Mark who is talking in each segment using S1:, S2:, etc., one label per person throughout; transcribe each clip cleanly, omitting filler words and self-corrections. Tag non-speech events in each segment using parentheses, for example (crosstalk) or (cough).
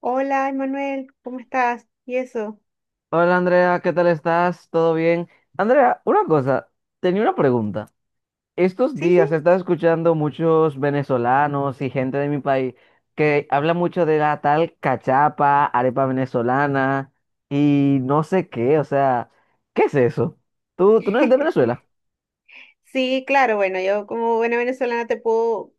S1: Hola, Emanuel, ¿cómo estás? ¿Y eso?
S2: Hola Andrea, ¿qué tal estás? ¿Todo bien? Andrea, una cosa, tenía una pregunta. Estos
S1: Sí, sí.
S2: días he estado escuchando muchos venezolanos y gente de mi país que habla mucho de la tal cachapa, arepa venezolana y no sé qué, o sea, ¿qué es eso? ¿Tú no eres de
S1: (laughs)
S2: Venezuela?
S1: Sí, claro, bueno, yo como buena venezolana te puedo,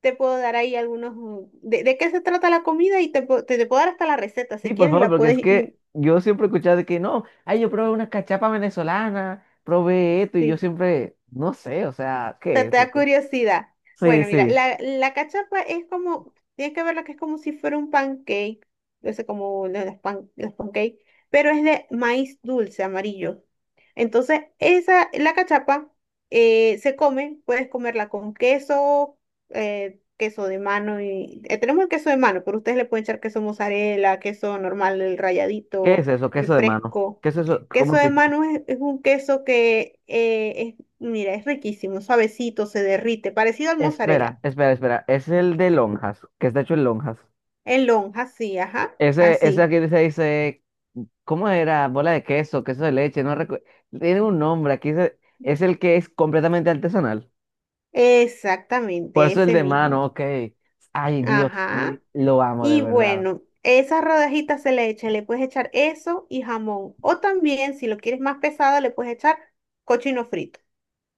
S1: te puedo dar ahí algunos... ¿De qué se trata la comida? Y te puedo dar hasta la receta
S2: Sí,
S1: si
S2: por
S1: quieres y
S2: favor,
S1: la
S2: porque es
S1: puedes...
S2: que yo siempre he escuchado de que no, ay, yo probé una cachapa venezolana, probé esto y yo
S1: sí.
S2: siempre, no sé, o sea,
S1: Te,
S2: ¿qué
S1: te
S2: es
S1: da
S2: eso?
S1: curiosidad.
S2: Sí,
S1: Bueno, mira,
S2: sí.
S1: la cachapa es como, tienes que verla que es como si fuera un pancake, no sé, como lo de los pancakes, pero es de maíz dulce, amarillo. Entonces, la cachapa se come, puedes comerla con queso, queso de mano, y tenemos el queso de mano, pero ustedes le pueden echar queso mozzarella, queso normal, el
S2: ¿Qué
S1: ralladito,
S2: es eso?
S1: el
S2: ¿Queso de mano?
S1: fresco.
S2: ¿Qué es eso? ¿Cómo
S1: Queso de
S2: se?
S1: mano es un queso que es mira, es riquísimo, suavecito, se derrite, parecido al mozzarella.
S2: Espera, espera, espera. Es el de lonjas, que está hecho en lonjas.
S1: En lonja, sí, ajá,
S2: Ese
S1: así.
S2: aquí se dice, ¿cómo era? Bola de queso, queso de leche, no recuerdo. Tiene un nombre, aquí es el que es completamente artesanal. Por
S1: Exactamente,
S2: eso el
S1: ese
S2: de
S1: mismo.
S2: mano, ok. Ay, Dios,
S1: Ajá.
S2: lo amo de
S1: Y
S2: verdad.
S1: bueno, esas rodajitas se le echan, le puedes echar eso y jamón. O también, si lo quieres más pesado, le puedes echar cochino frito,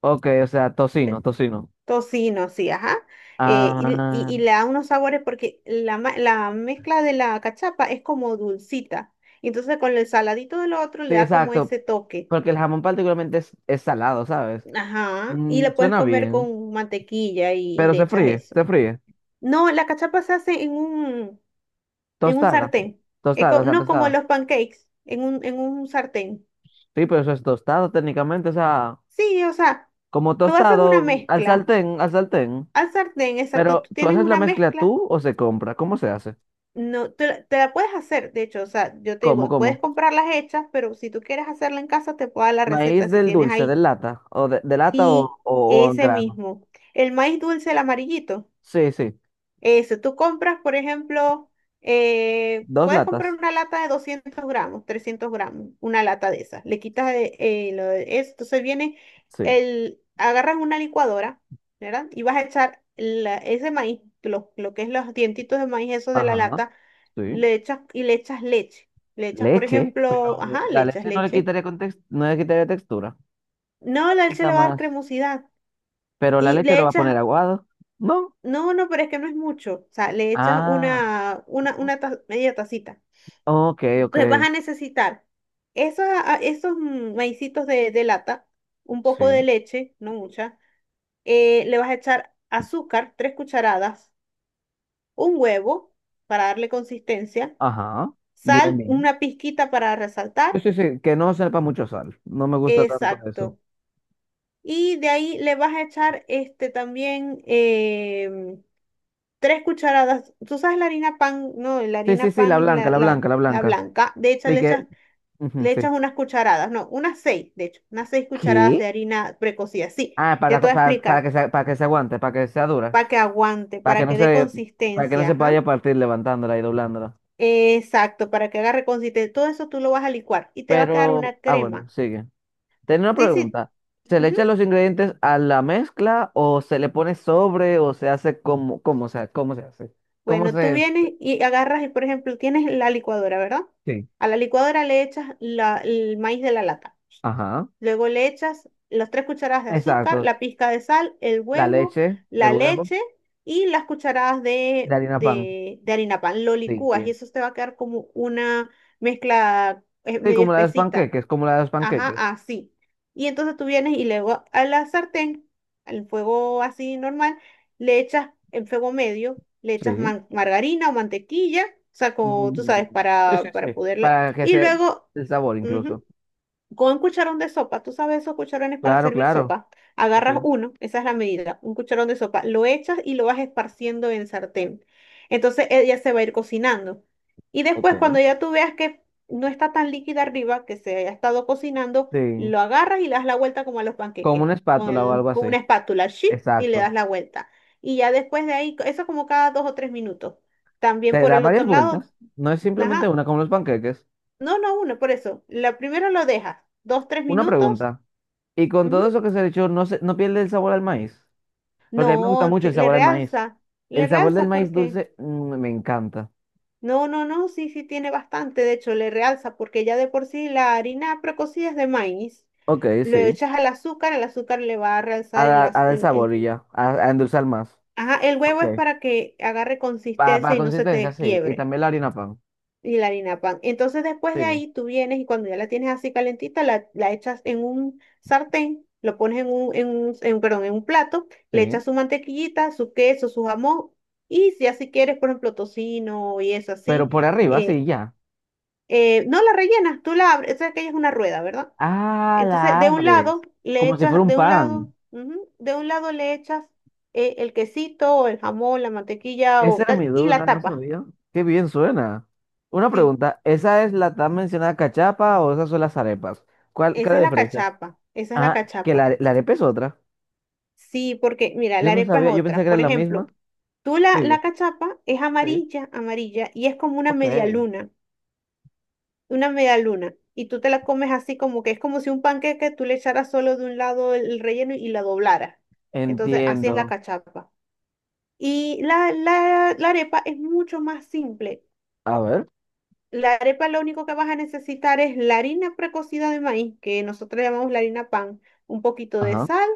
S2: Ok, o sea, tocino, tocino.
S1: tocino, sí, ajá. Y,
S2: Ah,
S1: y- y le da unos sabores porque la mezcla de la cachapa es como dulcita. Y entonces con el saladito del otro
S2: sí,
S1: le da como
S2: exacto.
S1: ese toque.
S2: Porque el jamón particularmente es salado, ¿sabes?
S1: Ajá, y la puedes
S2: Suena
S1: comer
S2: bien,
S1: con mantequilla y
S2: pero
S1: le
S2: se
S1: echas
S2: fríe,
S1: eso.
S2: se fríe.
S1: No, la cachapa se hace en un, en un,
S2: Tostada.
S1: sartén.
S2: Tostada, o sea,
S1: No como
S2: tostado.
S1: los pancakes, en un sartén.
S2: Sí, pero eso es tostado técnicamente, o sea,
S1: Sí, o sea,
S2: como
S1: tú haces una
S2: tostado al
S1: mezcla
S2: sartén, al sartén.
S1: al sartén, exacto,
S2: Pero,
S1: tú
S2: ¿tú
S1: tienes
S2: haces la
S1: una
S2: mezcla
S1: mezcla,
S2: tú o se compra? ¿Cómo se hace?
S1: no, te la puedes hacer, de hecho, o sea, yo te
S2: ¿Cómo,
S1: digo, puedes
S2: cómo?
S1: comprarlas hechas, pero si tú quieres hacerla en casa, te puedo dar la receta
S2: Maíz
S1: si
S2: del
S1: tienes
S2: dulce, de
S1: ahí.
S2: lata, o de lata o,
S1: Y
S2: o, o en
S1: ese
S2: grano.
S1: mismo, el maíz dulce, el amarillito.
S2: Sí, sí.
S1: Eso, tú compras, por ejemplo,
S2: Dos
S1: puedes comprar
S2: latas.
S1: una lata de 200 gramos, 300 gramos, una lata de esas. Le quitas lo de eso, entonces viene
S2: Sí.
S1: agarras una licuadora, ¿verdad? Y vas a echar ese maíz, lo que es los dientitos de maíz, esos de la
S2: Ajá,
S1: lata,
S2: sí.
S1: le echas y le echas leche. Le echas, por
S2: Leche, pero
S1: ejemplo, ajá, le
S2: la
S1: echas
S2: leche no le
S1: leche.
S2: quitaría context, no le quitaría textura.
S1: No,
S2: Le
S1: la leche
S2: quita
S1: le va a dar
S2: más.
S1: cremosidad.
S2: Pero la
S1: Y
S2: leche
S1: le
S2: lo va a poner
S1: echas,
S2: aguado. ¿No?
S1: no, no, pero es que no es mucho. O sea, le echas
S2: Ah,
S1: media tacita.
S2: ok, ok.
S1: Entonces vas a necesitar esos maicitos de lata, un poco de
S2: Sí.
S1: leche, no mucha. Le vas a echar azúcar, 3 cucharadas, un huevo para darle consistencia,
S2: Ajá, bien,
S1: sal,
S2: bien.
S1: una pizquita para
S2: Sí,
S1: resaltar.
S2: sí, sí, que no sepa mucho sal. No me gusta tanto eso.
S1: Exacto. Y de ahí le vas a echar este también tres cucharadas. Tú sabes la harina pan, no, la
S2: Sí, sí,
S1: harina
S2: sí, la
S1: pan es
S2: blanca,
S1: la,
S2: la
S1: la,
S2: blanca, la
S1: la
S2: blanca.
S1: blanca. De hecho,
S2: Sí, que. Ujú,
S1: le
S2: sí.
S1: echas unas cucharadas, no, unas seis, de hecho, unas 6 cucharadas
S2: ¿Qué?
S1: de harina precocida. Sí,
S2: Ah,
S1: ya te voy a explicar,
S2: para que se aguante, para que sea dura.
S1: para que aguante,
S2: Para que
S1: para
S2: no
S1: que dé
S2: se, para que no
S1: consistencia,
S2: se vaya
S1: ajá.
S2: a partir levantándola y doblándola.
S1: Exacto, para que agarre consistencia. Todo eso tú lo vas a licuar y te va a quedar
S2: Pero,
S1: una
S2: ah, bueno,
S1: crema.
S2: sigue. Tenía una
S1: Sí, sí.
S2: pregunta. ¿Se le
S1: Ujú.
S2: echan los ingredientes a la mezcla o se le pone sobre o se hace como, cómo se hace? ¿Cómo
S1: Bueno, tú
S2: se?
S1: vienes y agarras, y por ejemplo, tienes la licuadora, ¿verdad?
S2: Sí.
S1: A la licuadora le echas el maíz de la lata.
S2: Ajá.
S1: Luego le echas las 3 cucharadas de azúcar,
S2: Exacto.
S1: la pizca de sal, el
S2: La
S1: huevo,
S2: leche, el
S1: la
S2: huevo.
S1: leche y las cucharadas
S2: De
S1: de,
S2: harina pan.
S1: de, de harina pan. Lo
S2: Sí,
S1: licúas y
S2: bien.
S1: eso te va a quedar como una mezcla
S2: Sí,
S1: medio
S2: como la de los
S1: espesita.
S2: panqueques, como la de los
S1: Ajá,
S2: panqueques.
S1: así. Y entonces tú vienes y luego a la sartén, al fuego así normal, le echas en fuego medio, le echas
S2: Sí.
S1: margarina o mantequilla, o sea, como tú
S2: Mm.
S1: sabes,
S2: Sí, sí,
S1: para,
S2: sí.
S1: para poderle.
S2: Para que
S1: Y
S2: se
S1: luego.
S2: El sabor
S1: Ujú,
S2: incluso.
S1: con cucharón de sopa, tú sabes esos cucharones para
S2: Claro,
S1: servir
S2: claro.
S1: sopa.
S2: Sí,
S1: Agarras
S2: sí.
S1: uno, esa es la medida, un cucharón de sopa, lo echas y lo vas esparciendo en sartén. Entonces ella se va a ir cocinando. Y
S2: Ok.
S1: después, cuando ya tú veas que no está tan líquida arriba, que se haya estado cocinando,
S2: Sí.
S1: lo agarras y le das la vuelta como a los
S2: Como
S1: panqueques,
S2: una espátula o algo
S1: con una
S2: así.
S1: espátula, ¡shi! Y le
S2: Exacto.
S1: das la vuelta. Y ya después de ahí, eso como cada 2 o 3 minutos. También
S2: Te
S1: por
S2: da
S1: el otro
S2: varias
S1: lado,
S2: vueltas. No es simplemente
S1: ajá,
S2: una como los panqueques.
S1: no, no, uno, por eso. La primero lo dejas, dos, tres
S2: Una
S1: minutos.
S2: pregunta. Y con
S1: Ujú.
S2: todo eso que se ha dicho, no pierde el sabor al maíz.
S1: No,
S2: Porque a mí me gusta mucho el sabor al maíz.
S1: le
S2: El sabor del
S1: realza
S2: maíz
S1: porque.
S2: dulce, me encanta.
S1: No, no, no, sí, sí tiene bastante, de hecho, le realza porque ya de por sí la harina precocida es de maíz.
S2: Ok,
S1: Lo
S2: sí.
S1: echas al azúcar, el azúcar le va a
S2: A,
S1: realzar el,
S2: da a
S1: az-
S2: dar sabor y
S1: el-
S2: ya. A endulzar más.
S1: Ajá, el huevo
S2: Ok.
S1: es para que agarre
S2: Para pa
S1: consistencia y no se
S2: consistencia,
S1: te
S2: sí. Y
S1: quiebre.
S2: también la harina pan.
S1: Y la harina pan. Entonces después de
S2: Sigue.
S1: ahí tú vienes y cuando ya la tienes así calentita, la echas en un sartén, lo pones en un, perdón, en un plato, le
S2: Sí.
S1: echas su mantequillita, su queso, su jamón y si así quieres, por ejemplo, tocino y eso
S2: Pero
S1: así,
S2: por arriba, sí,
S1: eh,
S2: ya.
S1: no la rellenas, tú la abres, esa que ella es una rueda, ¿verdad?
S2: Ah,
S1: Entonces
S2: la
S1: de un lado
S2: abres.
S1: le
S2: Como si fuera
S1: echas,
S2: un
S1: de un lado,
S2: pan.
S1: ujú, de un lado le echas el quesito o el jamón, la mantequilla
S2: Esa
S1: o
S2: era
S1: tal,
S2: mi
S1: y la
S2: duda, no
S1: tapas.
S2: sabía. Qué bien suena. Una
S1: Sí,
S2: pregunta, ¿esa es la tan mencionada cachapa o esas son las arepas? ¿Qué es
S1: esa
S2: la
S1: es la
S2: diferencia?
S1: cachapa, esa es la
S2: Ah, que
S1: cachapa.
S2: la arepa es otra.
S1: Sí, porque mira,
S2: Yo
S1: la
S2: no
S1: arepa es
S2: sabía, yo pensé
S1: otra.
S2: que era
S1: Por
S2: la
S1: ejemplo,
S2: misma.
S1: la
S2: Sigue.
S1: cachapa es
S2: Sí.
S1: amarilla, amarilla, y es como una
S2: Ok.
S1: media luna, una media luna. Y tú te la comes así como que es como si un panqueque tú le echaras solo de un lado el relleno y la doblaras. Entonces, así es la
S2: Entiendo.
S1: cachapa. Y la arepa es mucho más simple.
S2: A ver.
S1: La arepa lo único que vas a necesitar es la harina precocida de maíz, que nosotros llamamos la harina pan, un poquito de
S2: Ajá.
S1: sal,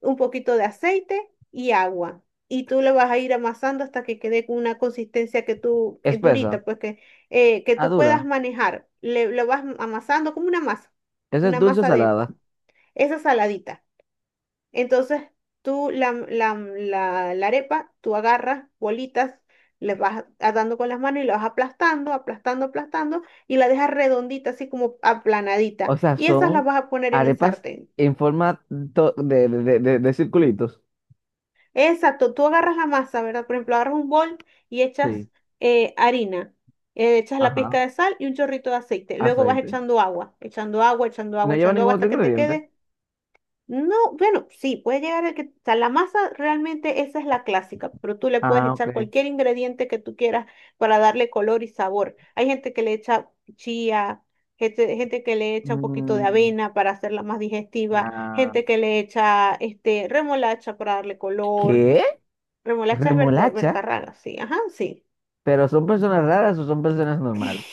S1: un poquito de aceite y agua. Y tú lo vas a ir amasando hasta que quede con una consistencia que tú,
S2: Espesa.
S1: durita, pues que
S2: Ah,
S1: tú
S2: dura.
S1: puedas manejar. Lo vas amasando como
S2: ¿Esa es
S1: una
S2: dulce o
S1: masa de
S2: salada?
S1: pan. Esa saladita. Entonces, tú la arepa, tú agarras bolitas, le vas dando con las manos y la vas aplastando, aplastando, aplastando, y la dejas redondita, así como
S2: O
S1: aplanadita.
S2: sea,
S1: Y esas las
S2: son
S1: vas a poner en el
S2: arepas
S1: sartén.
S2: en forma de circulitos.
S1: Exacto, tú agarras la masa, ¿verdad? Por ejemplo, agarras un bol y echas
S2: Sí,
S1: harina, echas la
S2: ajá.
S1: pizca de sal y un chorrito de aceite. Luego vas
S2: Aceite.
S1: echando agua, echando agua, echando
S2: No
S1: agua,
S2: lleva
S1: echando
S2: ningún
S1: agua
S2: otro
S1: hasta que te
S2: ingrediente.
S1: quede. No, bueno, sí, puede llegar el que, o sea, la masa realmente esa es la clásica, pero tú le puedes
S2: Ah, ok.
S1: echar cualquier ingrediente que tú quieras para darle color y sabor. Hay gente que le echa chía, gente que le echa un poquito de
S2: Mm,
S1: avena para hacerla más digestiva,
S2: ah,
S1: gente que le echa este remolacha para darle color.
S2: ¿qué?
S1: Remolacha es
S2: Remolacha.
S1: bertarraga, sí, ajá, sí.
S2: Pero son personas raras o son personas
S1: (laughs)
S2: normales.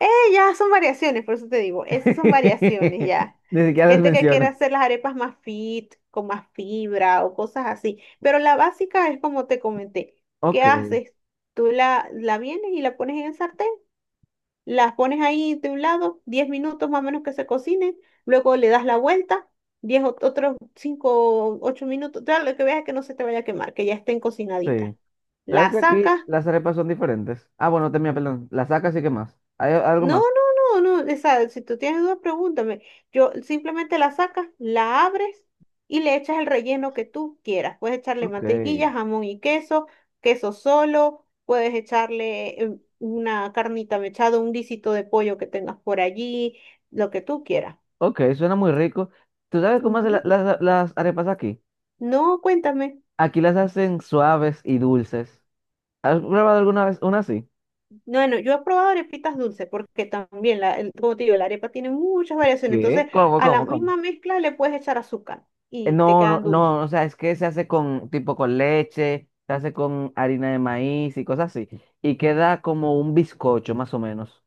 S1: Eh, ya son variaciones, por eso te digo, esas son variaciones ya.
S2: (laughs) Ni siquiera las
S1: Gente que quiere
S2: mencionas.
S1: hacer las arepas más fit, con más fibra o cosas así. Pero la básica es como te comenté. ¿Qué
S2: Ok.
S1: haces? Tú la vienes y la pones en el sartén, las pones ahí de un lado, 10 minutos más o menos que se cocinen, luego le das la vuelta, otros 5 o 8 minutos, ya lo que veas es que no se te vaya a quemar, que ya estén cocinaditas.
S2: Sí. ¿Sabes
S1: La
S2: que aquí
S1: sacas.
S2: las arepas son diferentes? Ah, bueno, termina, perdón. Las sacas y qué más. ¿Hay algo
S1: No,
S2: más?
S1: no, no, no. O sea, si tú tienes dudas, pregúntame. Yo simplemente la sacas, la abres y le echas el relleno que tú quieras. Puedes echarle
S2: Ok.
S1: mantequilla, jamón y queso, queso solo, puedes echarle una carnita mechada, un guisito de pollo que tengas por allí, lo que tú quieras.
S2: Ok, suena muy rico. ¿Tú sabes cómo hacen la-
S1: Ujú.
S2: las las arepas aquí?
S1: No, cuéntame.
S2: Aquí las hacen suaves y dulces. ¿Has probado alguna vez una así?
S1: Bueno, yo he probado arepitas dulces porque también, como te digo, la arepa tiene muchas variaciones. Entonces,
S2: ¿Qué? ¿Cómo,
S1: a la
S2: cómo, cómo?
S1: misma mezcla le puedes echar azúcar y te
S2: No, no,
S1: quedan dulces.
S2: no, o sea, es que se hace con, tipo con leche, se hace con harina de maíz y cosas así. Y queda como un bizcocho, más o menos.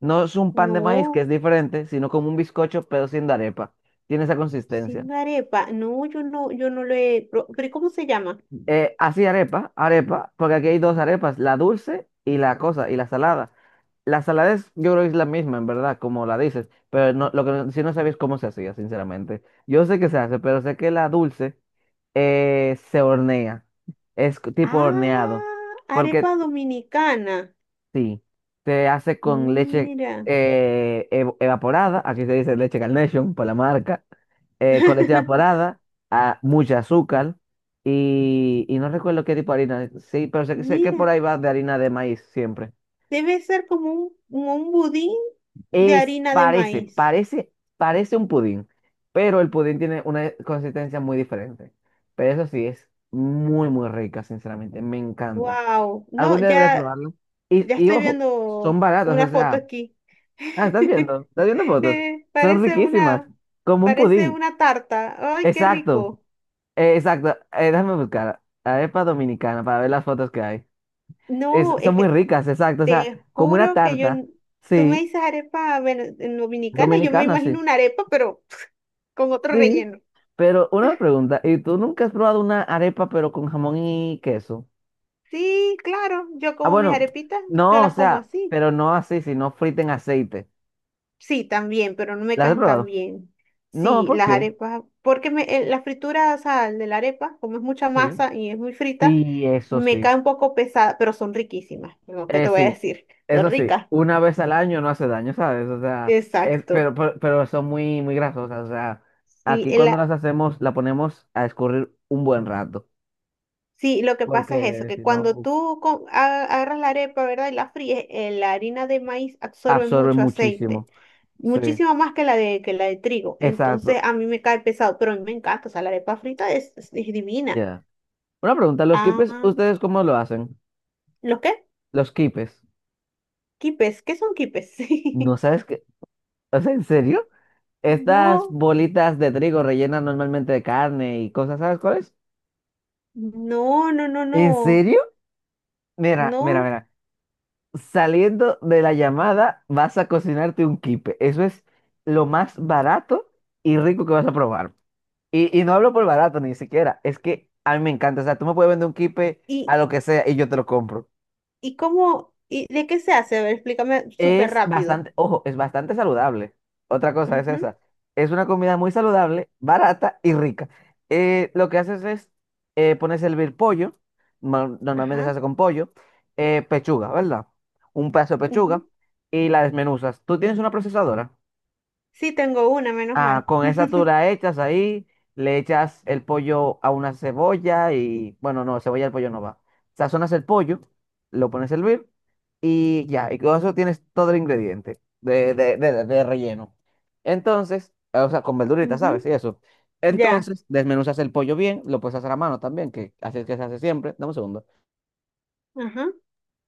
S2: No es un pan de maíz, que es
S1: No.
S2: diferente, sino como un bizcocho, pero sin arepa. Tiene esa consistencia.
S1: Sin arepa. No, yo no lo he. ¿ Pero cómo se llama?
S2: Así arepa, arepa, porque aquí hay dos arepas, la dulce y la cosa, y la salada. La salada es, yo creo que es la misma, en verdad, como la dices, pero no, lo que no- si no sabías cómo se hacía, sinceramente. Yo sé que se hace, pero sé que la dulce se hornea, tipo horneado,
S1: Ah, arepa
S2: porque
S1: dominicana.
S2: sí, se hace con leche
S1: Mira.
S2: evaporada, aquí se dice leche Carnation por la marca, con leche
S1: (laughs)
S2: evaporada, a, mucha azúcar y no recuerdo qué tipo de harina, sí, pero sé que por
S1: Mira.
S2: ahí va de harina de maíz siempre.
S1: Debe ser como un budín de harina de
S2: Parece,
S1: maíz.
S2: parece, parece un pudín, pero el pudín tiene una consistencia muy diferente. Pero eso sí, es muy, muy rica, sinceramente, me encanta.
S1: Wow. No,
S2: Algún día deberías probarlo. Y,
S1: ya
S2: y
S1: estoy
S2: ojo, son
S1: viendo
S2: baratos,
S1: una
S2: o
S1: foto
S2: sea.
S1: aquí.
S2: Ah,
S1: (laughs)
S2: estás viendo fotos.
S1: Eh,
S2: Son
S1: parece
S2: riquísimas,
S1: una,
S2: como un
S1: parece
S2: pudín.
S1: una tarta. Ay, qué
S2: Exacto,
S1: rico.
S2: exacto. Déjame buscar arepa dominicana para ver las fotos que hay.
S1: No,
S2: Son
S1: es
S2: muy
S1: que
S2: ricas, exacto. O sea,
S1: te
S2: como una
S1: juro que
S2: tarta,
S1: tú me
S2: sí,
S1: dices arepa en dominicana, y yo me
S2: dominicana,
S1: imagino
S2: sí,
S1: una arepa, pero con otro
S2: sí.
S1: relleno.
S2: Pero una pregunta, ¿y tú nunca has probado una arepa pero con jamón y queso?
S1: Sí, claro, yo
S2: Ah,
S1: como mis
S2: bueno,
S1: arepitas, yo
S2: no, o
S1: las como
S2: sea,
S1: así.
S2: pero no así, sino frita en aceite.
S1: Sí, también, pero no me
S2: ¿Las has
S1: caen tan
S2: probado?
S1: bien.
S2: No,
S1: Sí,
S2: ¿por
S1: las
S2: qué?
S1: arepas, porque la fritura, o sea, de la arepa, como es mucha
S2: Sí.
S1: masa y es muy frita,
S2: Sí, eso
S1: me
S2: sí.
S1: cae un poco pesada, pero son riquísimas, ¿no? ¿Qué te voy a
S2: Sí,
S1: decir? Son
S2: eso sí,
S1: ricas.
S2: una vez al año no hace daño, ¿sabes? O sea, es,
S1: Exacto.
S2: pero, pero, pero son muy, muy grasosas. O sea,
S1: Sí,
S2: aquí
S1: el
S2: cuando las hacemos, la ponemos a escurrir un buen rato,
S1: sí, lo que pasa es eso,
S2: porque
S1: que
S2: si
S1: cuando
S2: no,
S1: tú agarras la arepa, ¿verdad? Y la fríes, la harina de maíz absorbe
S2: absorben
S1: mucho aceite,
S2: muchísimo. Sí,
S1: muchísimo más que que la de trigo. Entonces
S2: exacto.
S1: a mí me cae pesado, pero a mí me encanta, o sea, la arepa frita es divina.
S2: Ya. Una pregunta, ¿los quipes,
S1: Ah,
S2: ustedes cómo lo hacen?
S1: ¿los qué?
S2: Los quipes,
S1: Quipes, ¿qué son quipes?
S2: ¿no
S1: (laughs)
S2: sabes qué? O sea, ¿en serio? Estas
S1: No,
S2: bolitas de trigo rellenas normalmente de carne y cosas, ¿sabes cuáles?
S1: no, no, no,
S2: ¿En
S1: no,
S2: serio? Mira, mira,
S1: no.
S2: mira. Saliendo de la llamada, vas a cocinarte un quipe. Eso es lo más barato y rico que vas a probar. Y no hablo por barato ni siquiera. Es que a mí me encanta. O sea, tú me puedes vender un quipe a
S1: ¿Y,
S2: lo que sea y yo te lo compro.
S1: y cómo, y de qué se hace? A ver, explícame súper
S2: Es
S1: rápido.
S2: bastante, ojo, es bastante saludable. Otra cosa es
S1: Ujú,
S2: esa. Es una comida muy saludable, barata y rica. Lo que haces es, pones a hervir pollo, normalmente se
S1: ajá,
S2: hace con pollo, pechuga, ¿verdad? Un pedazo de
S1: ujú.
S2: pechuga y la desmenuzas. ¿Tú tienes una procesadora?
S1: Sí, tengo una, menos
S2: Ah,
S1: mal.
S2: con esa tú la echas ahí, le echas el pollo a una cebolla y, bueno, no, cebolla al pollo no va. Sazonas el pollo, lo pones a hervir y ya, y con eso tienes todo el ingrediente de relleno. Entonces, o sea, con verduritas,
S1: Ujú,
S2: ¿sabes? Y eso.
S1: ya,
S2: Entonces, desmenuzas el pollo bien, lo puedes hacer a mano también, que así es que se hace siempre. Dame un segundo.
S1: ajá,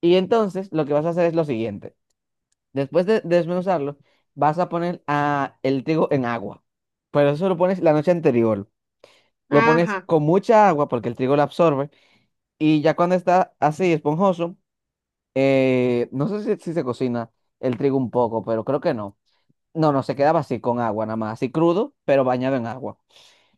S2: Y entonces, lo que vas a hacer es lo siguiente. Después de desmenuzarlo, vas a poner a el trigo en agua. Pero eso lo pones la noche anterior. Lo pones
S1: ajá,
S2: con mucha agua porque el trigo la absorbe y ya cuando está así esponjoso, no sé si se cocina el trigo un poco, pero creo que no. No, no, se quedaba así con agua nada más, así crudo, pero bañado en agua.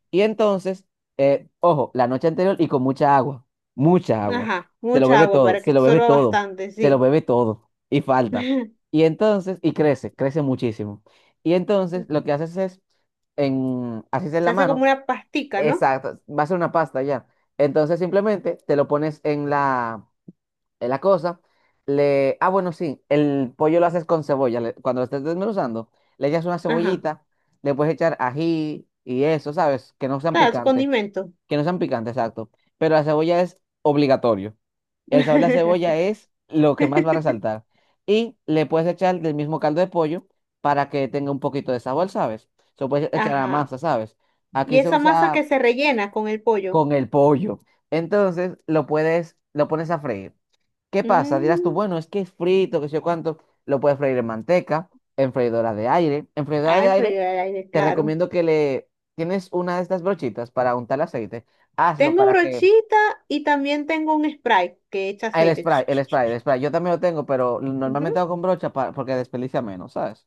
S2: Y entonces, ojo, la noche anterior y con mucha agua, mucha agua.
S1: ajá,
S2: Se lo
S1: mucha
S2: bebe
S1: agua
S2: todo,
S1: para que
S2: se lo bebe
S1: absorba
S2: todo,
S1: bastante,
S2: se lo
S1: sí.
S2: bebe todo y falta.
S1: (laughs)
S2: Y entonces, y crece, crece muchísimo. Y entonces lo que haces es, haces en
S1: Se
S2: la
S1: hace como
S2: mano.
S1: una pastica, ¿no?
S2: Exacto, va a ser una pasta ya. Entonces simplemente te lo pones en la cosa. Ah, bueno, sí, el pollo lo haces con cebolla. Cuando lo estés desmenuzando, le echas una
S1: Ajá,
S2: cebollita, le puedes echar ají y eso, ¿sabes? Que no sean
S1: claro, es un
S2: picantes,
S1: condimento.
S2: que no sean picantes, exacto. Pero la cebolla es obligatorio. El sabor de la cebolla
S1: (laughs)
S2: es lo que más va a resaltar. Y le puedes echar del mismo caldo de pollo para que tenga un poquito de sabor, ¿sabes? Se lo puedes echar a la
S1: Ajá,
S2: masa, ¿sabes?
S1: y
S2: Aquí se
S1: esa masa que
S2: usa
S1: se rellena con el pollo.
S2: con el pollo. Entonces lo pones a freír. ¿Qué pasa? Dirás tú,
S1: Mm,
S2: bueno, es que es frito, que sé yo cuánto. Lo puedes freír en manteca, en freidora de aire. En freidora
S1: ah,
S2: de
S1: el
S2: aire
S1: freír al aire,
S2: te
S1: claro.
S2: recomiendo que le. Tienes una de estas brochitas para untar aceite. Hazlo
S1: Tengo
S2: para que.
S1: brochita y también tengo un spray que echa
S2: Ah, el
S1: aceite.
S2: spray,
S1: Ch,
S2: el
S1: ch, ch,
S2: spray,
S1: ch,
S2: el
S1: ch.
S2: spray. Yo también lo tengo, pero
S1: Ujú,
S2: normalmente hago con brocha para. Porque desperdicia menos, ¿sabes?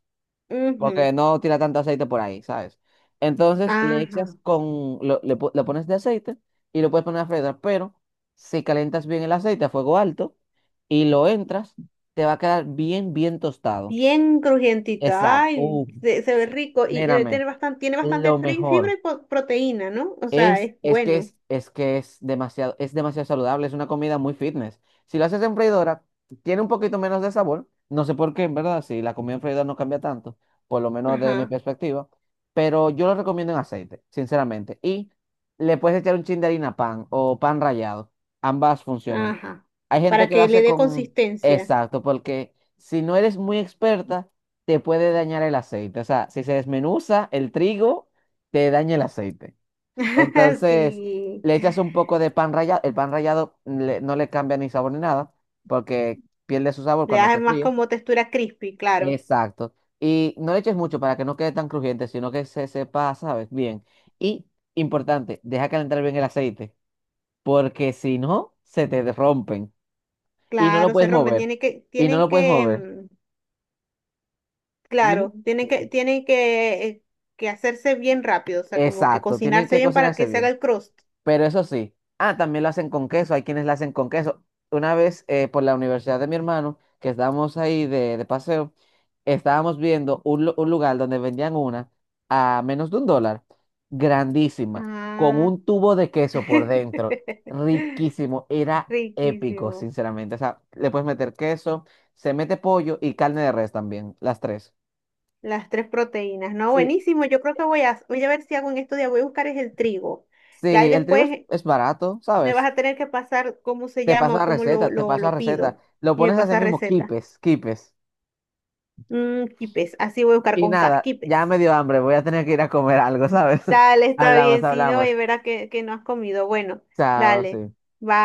S2: Porque
S1: ujú,
S2: no tira tanto aceite por ahí, ¿sabes? Entonces le
S1: ajá.
S2: echas con, lo- le, po- le pones de aceite y lo puedes poner a freír, pero si calientas bien el aceite a fuego alto y lo entras, te va a quedar bien, bien tostado.
S1: Bien crujientita,
S2: Exacto.
S1: ay,
S2: Uf,
S1: se ve rico y debe
S2: mírame,
S1: tener bastante, tiene
S2: lo
S1: bastante fibra
S2: mejor.
S1: y proteína, ¿no? O sea, es bueno.
S2: Es que es demasiado saludable, es una comida muy fitness. Si lo haces en freidora, tiene un poquito menos de sabor. No sé por qué, en verdad, si la comida en freidora no cambia tanto, por lo menos desde mi
S1: Ajá,
S2: perspectiva. Pero yo lo recomiendo en aceite, sinceramente. Y le puedes echar un chin de harina pan o pan rallado. Ambas funcionan.
S1: ajá.
S2: Hay gente
S1: Para
S2: que lo
S1: que le
S2: hace
S1: dé
S2: con.
S1: consistencia.
S2: Exacto, porque si no eres muy experta, te puede dañar el aceite. O sea, si se desmenuza el trigo, te daña el aceite.
S1: (laughs)
S2: Entonces,
S1: Sí.
S2: le echas un poco de pan rallado. El pan rallado no le cambia ni sabor ni nada, porque pierde su sabor
S1: Le
S2: cuando
S1: da
S2: se
S1: más
S2: fríe.
S1: como textura crispy, claro.
S2: Exacto. Y no le eches mucho para que no quede tan crujiente, sino que se sepa, ¿sabes? Bien. Y, importante, deja calentar bien el aceite, porque si no, se te rompen. Y no lo
S1: Claro, se
S2: puedes
S1: rompen.
S2: mover.
S1: Tienen que,
S2: Y no
S1: tienen
S2: lo puedes
S1: que,
S2: mover. Dime.
S1: claro, tienen
S2: Sí,
S1: que,
S2: sí.
S1: tienen que, que hacerse bien rápido, o sea, como que
S2: Exacto. Tienen
S1: cocinarse
S2: que
S1: bien para
S2: cocinarse
S1: que se haga
S2: bien.
S1: el crust.
S2: Pero eso sí, ah, también lo hacen con queso, hay quienes lo hacen con queso. Una vez por la universidad de mi hermano, que estábamos ahí de paseo, estábamos viendo un lugar donde vendían una a menos de $1, grandísima, con
S1: Ah.
S2: un tubo de queso por dentro,
S1: (laughs)
S2: riquísimo, era épico,
S1: Riquísimo.
S2: sinceramente. O sea, le puedes meter queso, se mete pollo y carne de res también, las tres.
S1: Las tres proteínas, ¿no?
S2: Sí,
S1: Buenísimo, yo creo que voy a ver si hago un estudio, voy a buscar es el trigo. Y ahí
S2: sí, el trigo es,
S1: después
S2: es barato,
S1: me vas
S2: ¿sabes?
S1: a tener que pasar cómo se
S2: Te
S1: llama
S2: paso
S1: o
S2: la
S1: cómo lo,
S2: receta, te
S1: lo,
S2: paso la
S1: lo
S2: receta.
S1: pido.
S2: Lo
S1: Y me
S2: pones así
S1: pasa
S2: mismo,
S1: receta.
S2: quipes, quipes.
S1: Mm, quipes, así voy a buscar
S2: Y
S1: con K,
S2: nada, ya
S1: quipes.
S2: me dio hambre, voy a tener que ir a comer algo, ¿sabes?
S1: Dale,
S2: (laughs)
S1: está
S2: Hablamos,
S1: bien, si no,
S2: hablamos.
S1: y verás que no has comido. Bueno,
S2: Chao,
S1: dale,
S2: sí.
S1: bye.